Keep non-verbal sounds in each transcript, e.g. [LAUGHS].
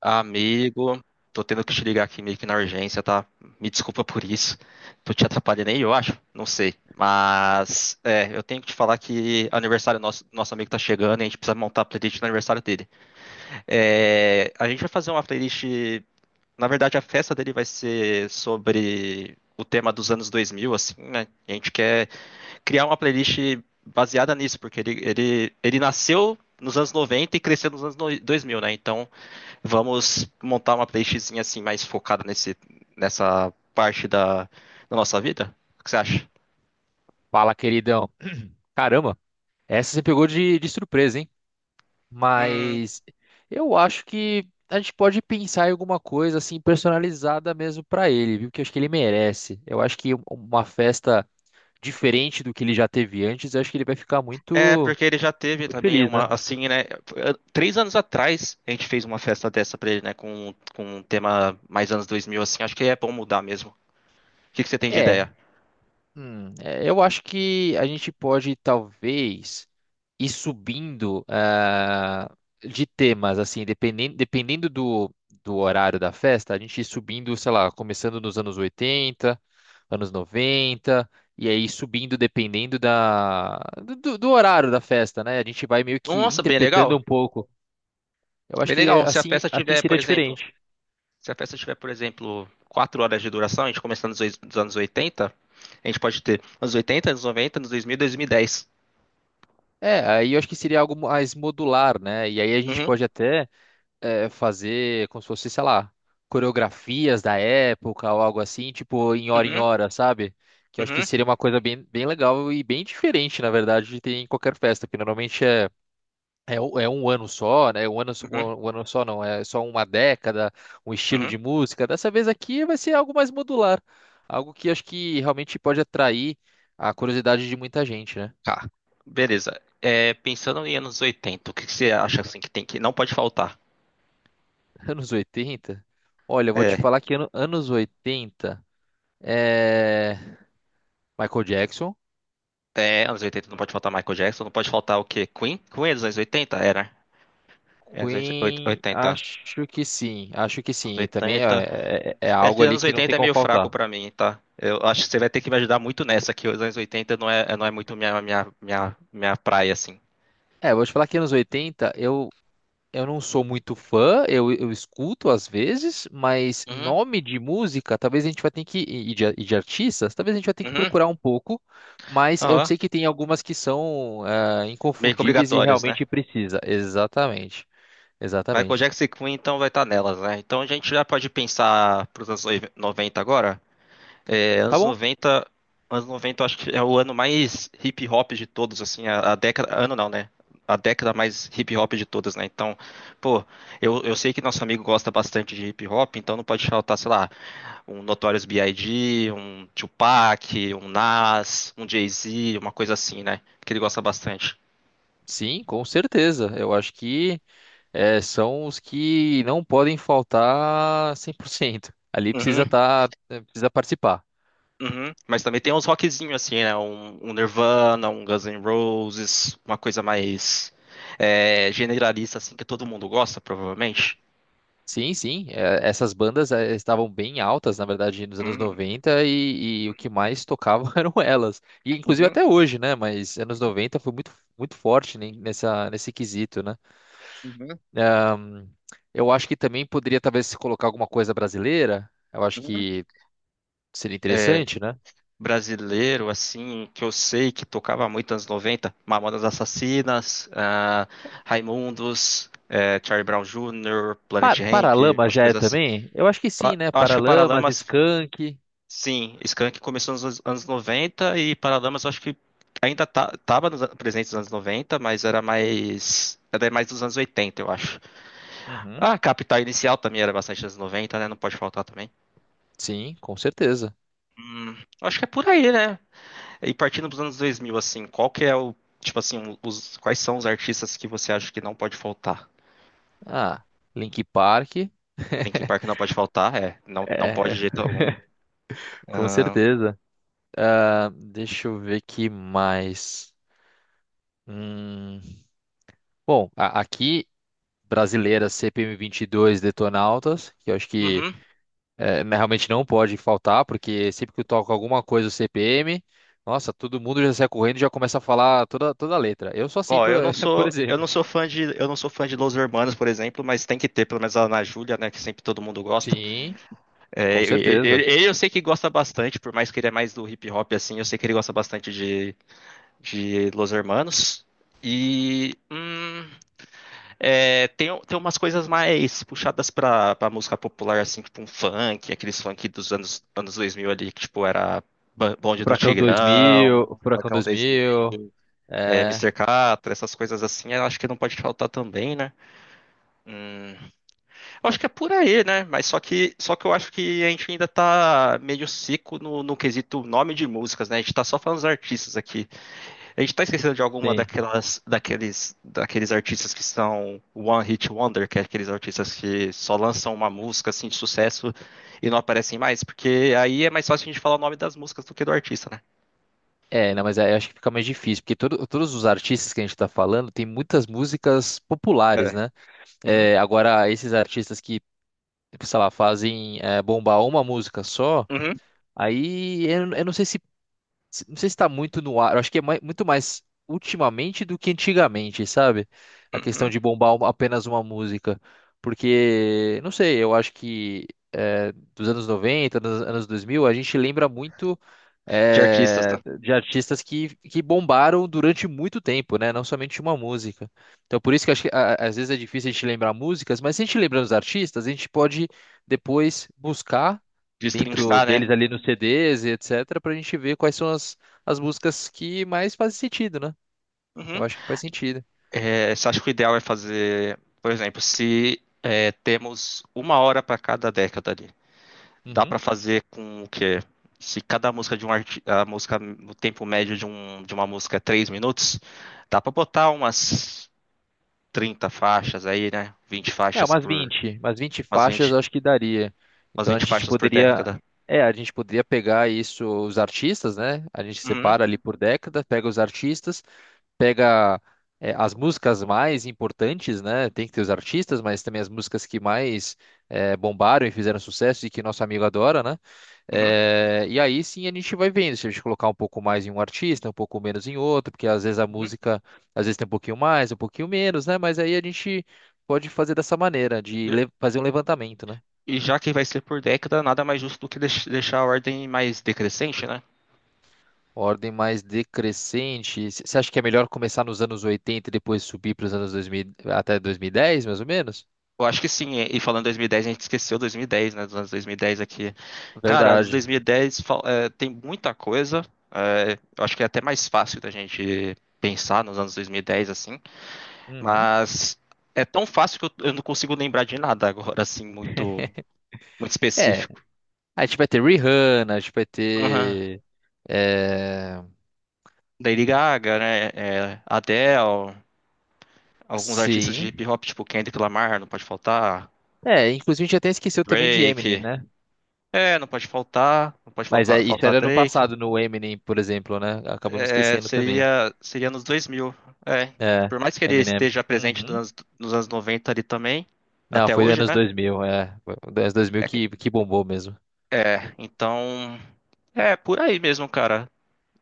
Amigo, tô tendo que te ligar aqui meio que na urgência, tá? Me desculpa por isso. Tô te atrapalhando aí, eu acho. Não sei. Mas, eu tenho que te falar que aniversário nosso amigo tá chegando e a gente precisa montar a playlist do aniversário dele. É, a gente vai fazer uma playlist. Na verdade, a festa dele vai ser sobre o tema dos anos 2000, assim, né? A gente quer criar uma playlist baseada nisso, porque ele nasceu nos anos 90 e cresceu nos anos 2000, né? Então. Vamos montar uma playlistzinha assim mais focada nessa parte da nossa vida? O que você acha? Fala, queridão. Caramba, essa você pegou de surpresa, hein? Hum, Mas eu acho que a gente pode pensar em alguma coisa assim personalizada mesmo pra ele, viu? Que eu acho que ele merece. Eu acho que uma festa diferente do que ele já teve antes, eu acho que ele vai ficar É, porque ele já teve muito também feliz, uma, né? assim, né? 3 anos atrás a gente fez uma festa dessa pra ele, né? Com um tema mais anos 2000, assim. Acho que é bom mudar mesmo. O que que você tem de É, ideia? Eu acho que a gente pode talvez ir subindo de temas, assim, dependendo do horário da festa, a gente ir subindo, sei lá, começando nos anos 80, anos 90, e aí subindo dependendo da, do horário da festa, né? A gente vai meio que Nossa, bem interpretando um legal. pouco. Eu acho Bem que legal. é, Se a festa assim tiver, por seria exemplo, diferente. se a festa tiver, por exemplo, 4 horas de duração, a gente começando dos anos 80, a gente pode ter anos 80, anos 90, anos 2000, 2010. Aí eu acho que seria algo mais modular, né? E aí a gente Uhum, pode até. Fazer como se fosse, sei lá, coreografias da época ou algo assim, tipo em uhum. hora, sabe? Que eu acho que Uhum, seria uma coisa bem legal e bem diferente, na verdade, de ter em qualquer festa, porque normalmente um é um ano só, né? Um ano, só- uhum, um ano só não, é só uma década, um estilo uhum. de música. Dessa vez aqui vai ser algo mais modular, algo que acho que realmente pode atrair a curiosidade de muita gente, né? Tá. Beleza. É, pensando em anos 80, o que que você acha assim que tem que não pode faltar? [LAUGHS] Anos oitenta. Olha, eu vou te É, falar que anos 80 eh, Michael Jackson. é, anos 80 não pode faltar Michael Jackson, não pode faltar o quê? Queen? Queen é dos anos 80. Era. É anos oit- Queen, oitenta acho que Anos sim. E também oitenta é É algo que ali anos que não tem 80 é como meio fraco faltar. pra mim, tá? Eu acho que você vai ter que me ajudar muito nessa, que os anos 80 não é muito minha praia, assim. É, eu vou te falar que anos 80, eu não sou muito fã, eu escuto às vezes, mas Uhum, nome de música, talvez a gente vai ter que, e de artistas, talvez a gente vai ter que uhum. procurar um pouco, mas eu Aham. sei que tem algumas que são Meio que inconfundíveis e obrigatórios, né? realmente precisa. Exatamente, Michael exatamente. Jackson e Queen então vai estar nelas, né? Então a gente já pode pensar para os anos 90 agora. É, Tá anos bom? noventa, anos noventa, eu acho que é o ano mais hip hop de todos, assim, a década, ano não, né? A década mais hip hop de todas, né? Então, pô, eu sei que nosso amigo gosta bastante de hip hop, então não pode faltar, sei lá, um Notorious B.I.G., um Tupac, um Nas, um Jay-Z, uma coisa assim, né? Que ele gosta bastante. Sim, com certeza. Eu acho que. É, são os que não podem faltar cem por cento. Ali precisa precisa participar. Uhum. Mas também tem uns rockzinhos assim, né? Um Nirvana, um Guns N' Roses, uma coisa mais generalista, assim, que todo mundo gosta, provavelmente. Sim, sim, é, essas bandas estavam bem altas, na verdade, nos anos Uhum, 90 e o que mais tocavam [LAUGHS] eram elas. E inclusive uhum, até hoje, né? Mas anos 90 foi muito forte nesse quesito, né? uhum, Ahn, eu acho que também poderia talvez se colocar alguma coisa brasileira. Eu acho uhum. que seria É, interessante, né? brasileiro, assim, que eu sei que tocava muito nos anos 90, Mamonas Assassinas, Raimundos, Charlie Brown Jr., Pa Planet Hemp, Paralamas umas já é coisas assim. também? Eu acho que sim, né? Acho que o Paralamas, Paralamas. Skank. Sim, Skank começou nos anos 90 e Paralamas eu acho que ainda tá, tava presente nos anos 90, mas era mais. Era mais dos anos 80, eu acho. Uhum. Ah, Capital Inicial também era bastante anos 90, né? Não pode faltar também. Sim, com certeza. Hum, Acho que é por aí, né? E partindo dos anos 2000, assim, qual que é o. Tipo assim, quais são os artistas que você acha que não pode faltar? Ah, Link Park. Linkin [LAUGHS] Park não pode faltar, é. Não, não pode É, de jeito algum. com Ah, certeza. Ah, deixa eu ver que mais. Hum, Aqui, brasileira CPM dois Detonautas, que eu acho que uhum. Né, realmente não pode faltar, porque sempre que eu toco alguma coisa do CPM, nossa, todo mundo já sai correndo e já começa a falar toda a letra. Eu sou assim, Ó, [LAUGHS] por exemplo. Eu não sou fã de Los Hermanos, por exemplo, mas tem que ter pelo menos a Ana Júlia, né, que sempre todo mundo gosta. Sim, É, com ele, certeza. ele eu sei que gosta bastante, por mais que ele é mais do hip hop assim, eu sei que ele gosta bastante de, Los Hermanos. E tem, umas coisas mais puxadas pra música popular, assim, tipo um funk, aqueles funk dos anos 2000 ali, que tipo era Bonde do Tigrão, Furacão Furacão 2000. 2000, é, Mr. Catra, essas coisas assim, eu acho que não pode faltar também, né? Hum, eu acho que é por aí, né? Mas só que eu acho que a gente ainda tá meio seco no quesito nome de músicas, né? A gente tá só falando dos artistas aqui. A gente tá esquecendo de alguma Sim. daqueles artistas que são One Hit Wonder, que é aqueles artistas que só lançam uma música assim de sucesso e não aparecem mais, porque aí é mais fácil a gente falar o nome das músicas do que do artista, né? É, não, mas aí eu acho que fica mais difícil, porque todos os artistas que a gente tá falando tem muitas músicas populares, É. né? Uhum, É, agora, esses artistas que, sei lá, fazem bombar uma música só, uhum, aí eu não sei Não sei se está muito no ar, eu acho que é muito mais ultimamente do que antigamente, sabe? A questão uhum. de bombar apenas uma música. Porque, não sei, eu acho que dos anos 90, dos anos 2000, a gente lembra muito De artistas, tá? de artistas que bombaram durante muito tempo, né? Não somente uma música. Então, por isso que, acho que às vezes é difícil a gente lembrar músicas, mas se a gente lembrar os artistas, a gente pode depois buscar De dentro destrinchar, né? deles ali nos CDs e etc, pra gente ver quais são as músicas que mais fazem sentido, né? Eu Uhum. acho que faz sentido. É, você acha que o ideal é fazer, por exemplo, se temos uma hora para cada década ali, dá Uhum. para fazer com o quê? Se cada música de um arti... a música no tempo médio de uma música é 3 minutos, dá para botar umas 30 faixas aí, né? 20 É, faixas por umas 20 umas faixas eu 20 acho que daria. umas Então a 20 gente faixas por década. A gente poderia pegar isso, os artistas, né? A gente Uhum, separa ali por década, pega os artistas, pega as músicas mais importantes, né? Tem que ter os artistas, mas também as músicas que mais bombaram e fizeram sucesso e que nosso amigo adora, né? uhum, E aí sim a gente vai vendo se a gente colocar um pouco mais em um artista, um pouco menos em outro, porque às vezes a uhum. música, às vezes tem um pouquinho mais, um pouquinho menos, né? Mas aí a gente pode fazer dessa maneira, E de fazer um levantamento, né? e já que vai ser por década, nada mais justo do que deixar a ordem mais decrescente, né? Ordem mais decrescente. Você acha que é melhor começar nos anos 80 e depois subir para os anos 2000, até 2010, mais ou menos? Eu acho que sim, e falando 2010, a gente esqueceu 2010, né? Dos anos 2010 aqui. Cara, anos Verdade. 2010 tem muita coisa. Eu acho que é até mais fácil da gente pensar nos anos 2010, assim. Uhum. Mas é tão fácil que eu não consigo lembrar de nada agora, assim, muito, muito É, específico. a gente vai ter Rihanna, a gente vai Uhum. ter. É... Lady Gaga, né? Adele, alguns artistas de hip Sim. hop, tipo Kendrick Lamar, não pode faltar. É, inclusive a gente até esqueceu também de Eminem, Drake. né? É, não pode faltar. Não pode Mas é, faltar, isso faltar era no Drake. passado, no Eminem, por exemplo, né? Acabamos É, esquecendo também. seria nos 2000. É, É, por mais que ele Eminem. esteja presente nos Uhum. anos, nos anos 90 ali também, Não, até foi hoje, anos né? 2000, é. Foi anos 2000 É, que bombou mesmo. Então, é por aí mesmo, cara.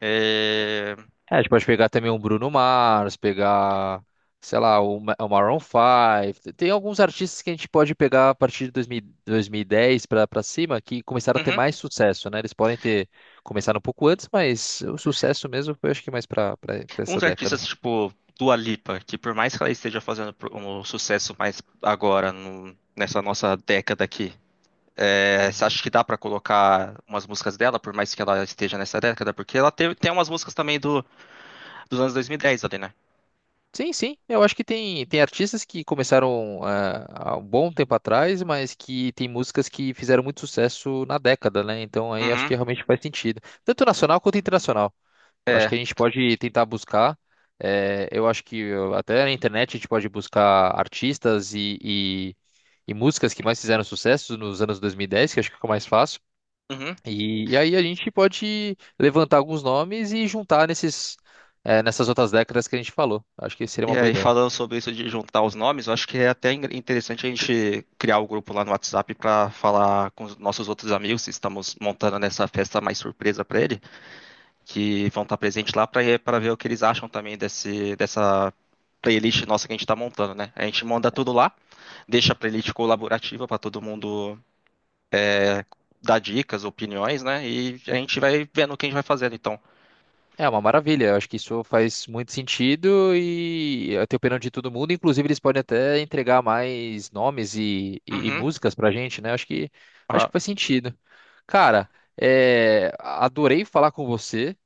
É, É, a gente pode pegar também um Bruno Mars, pegar, sei lá, o Maroon 5. Tem alguns artistas que a gente pode pegar a partir de 2000 2010 para cima que começaram a ter uhum. mais sucesso, né? Eles podem ter começado um pouco antes, mas o sucesso mesmo foi acho que mais para essa Uns artistas década. tipo Dua Lipa, que por mais que ela esteja fazendo um sucesso mais agora, nessa nossa década aqui, é, você Uhum. acha que dá pra colocar umas músicas dela, por mais que ela esteja nessa década? Porque ela teve, tem umas músicas também dos anos 2010 ali, né? Sim, sim. Eu acho que tem artistas que começaram há um bom tempo atrás, mas que tem músicas que fizeram muito sucesso na década, né? Então aí acho que Uhum. realmente faz sentido. Tanto nacional quanto internacional. Eu acho que É. a gente pode tentar buscar. Eu acho que até na internet a gente pode buscar artistas e músicas que mais fizeram sucesso nos anos 2010, que eu acho que fica mais fácil. Uhum. E aí a gente pode levantar alguns nomes e juntar nessas outras décadas que a gente falou. Acho que seria E uma boa aí, ideia. falando sobre isso de juntar os nomes, eu acho que é até interessante a gente criar o grupo lá no WhatsApp para falar com os nossos outros amigos, se estamos montando nessa festa mais surpresa para ele, que vão estar presentes lá para ver o que eles acham também dessa playlist nossa que a gente está montando, né? A gente manda tudo lá, deixa a playlist colaborativa para todo mundo é, dar dicas, opiniões, né? E a gente vai vendo quem vai fazendo, então. É uma maravilha, eu acho que isso faz muito sentido e eu tenho opinião de todo mundo, inclusive eles podem até entregar mais nomes e Uhum, músicas pra gente, né? Acho aham, que faz sentido. Cara, adorei falar com você,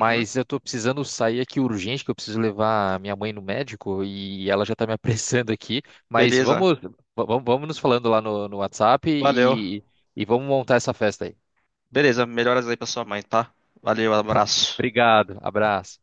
uhum. eu tô precisando sair aqui urgente, que eu preciso levar minha mãe no médico e ela já tá me [LAUGHS] apressando aqui, mas Beleza, vamos nos falando lá no, no WhatsApp valeu. E vamos montar essa festa aí. Beleza, melhoras aí pra sua mãe, tá? Valeu, [LAUGHS] abraço. Obrigado, abraço.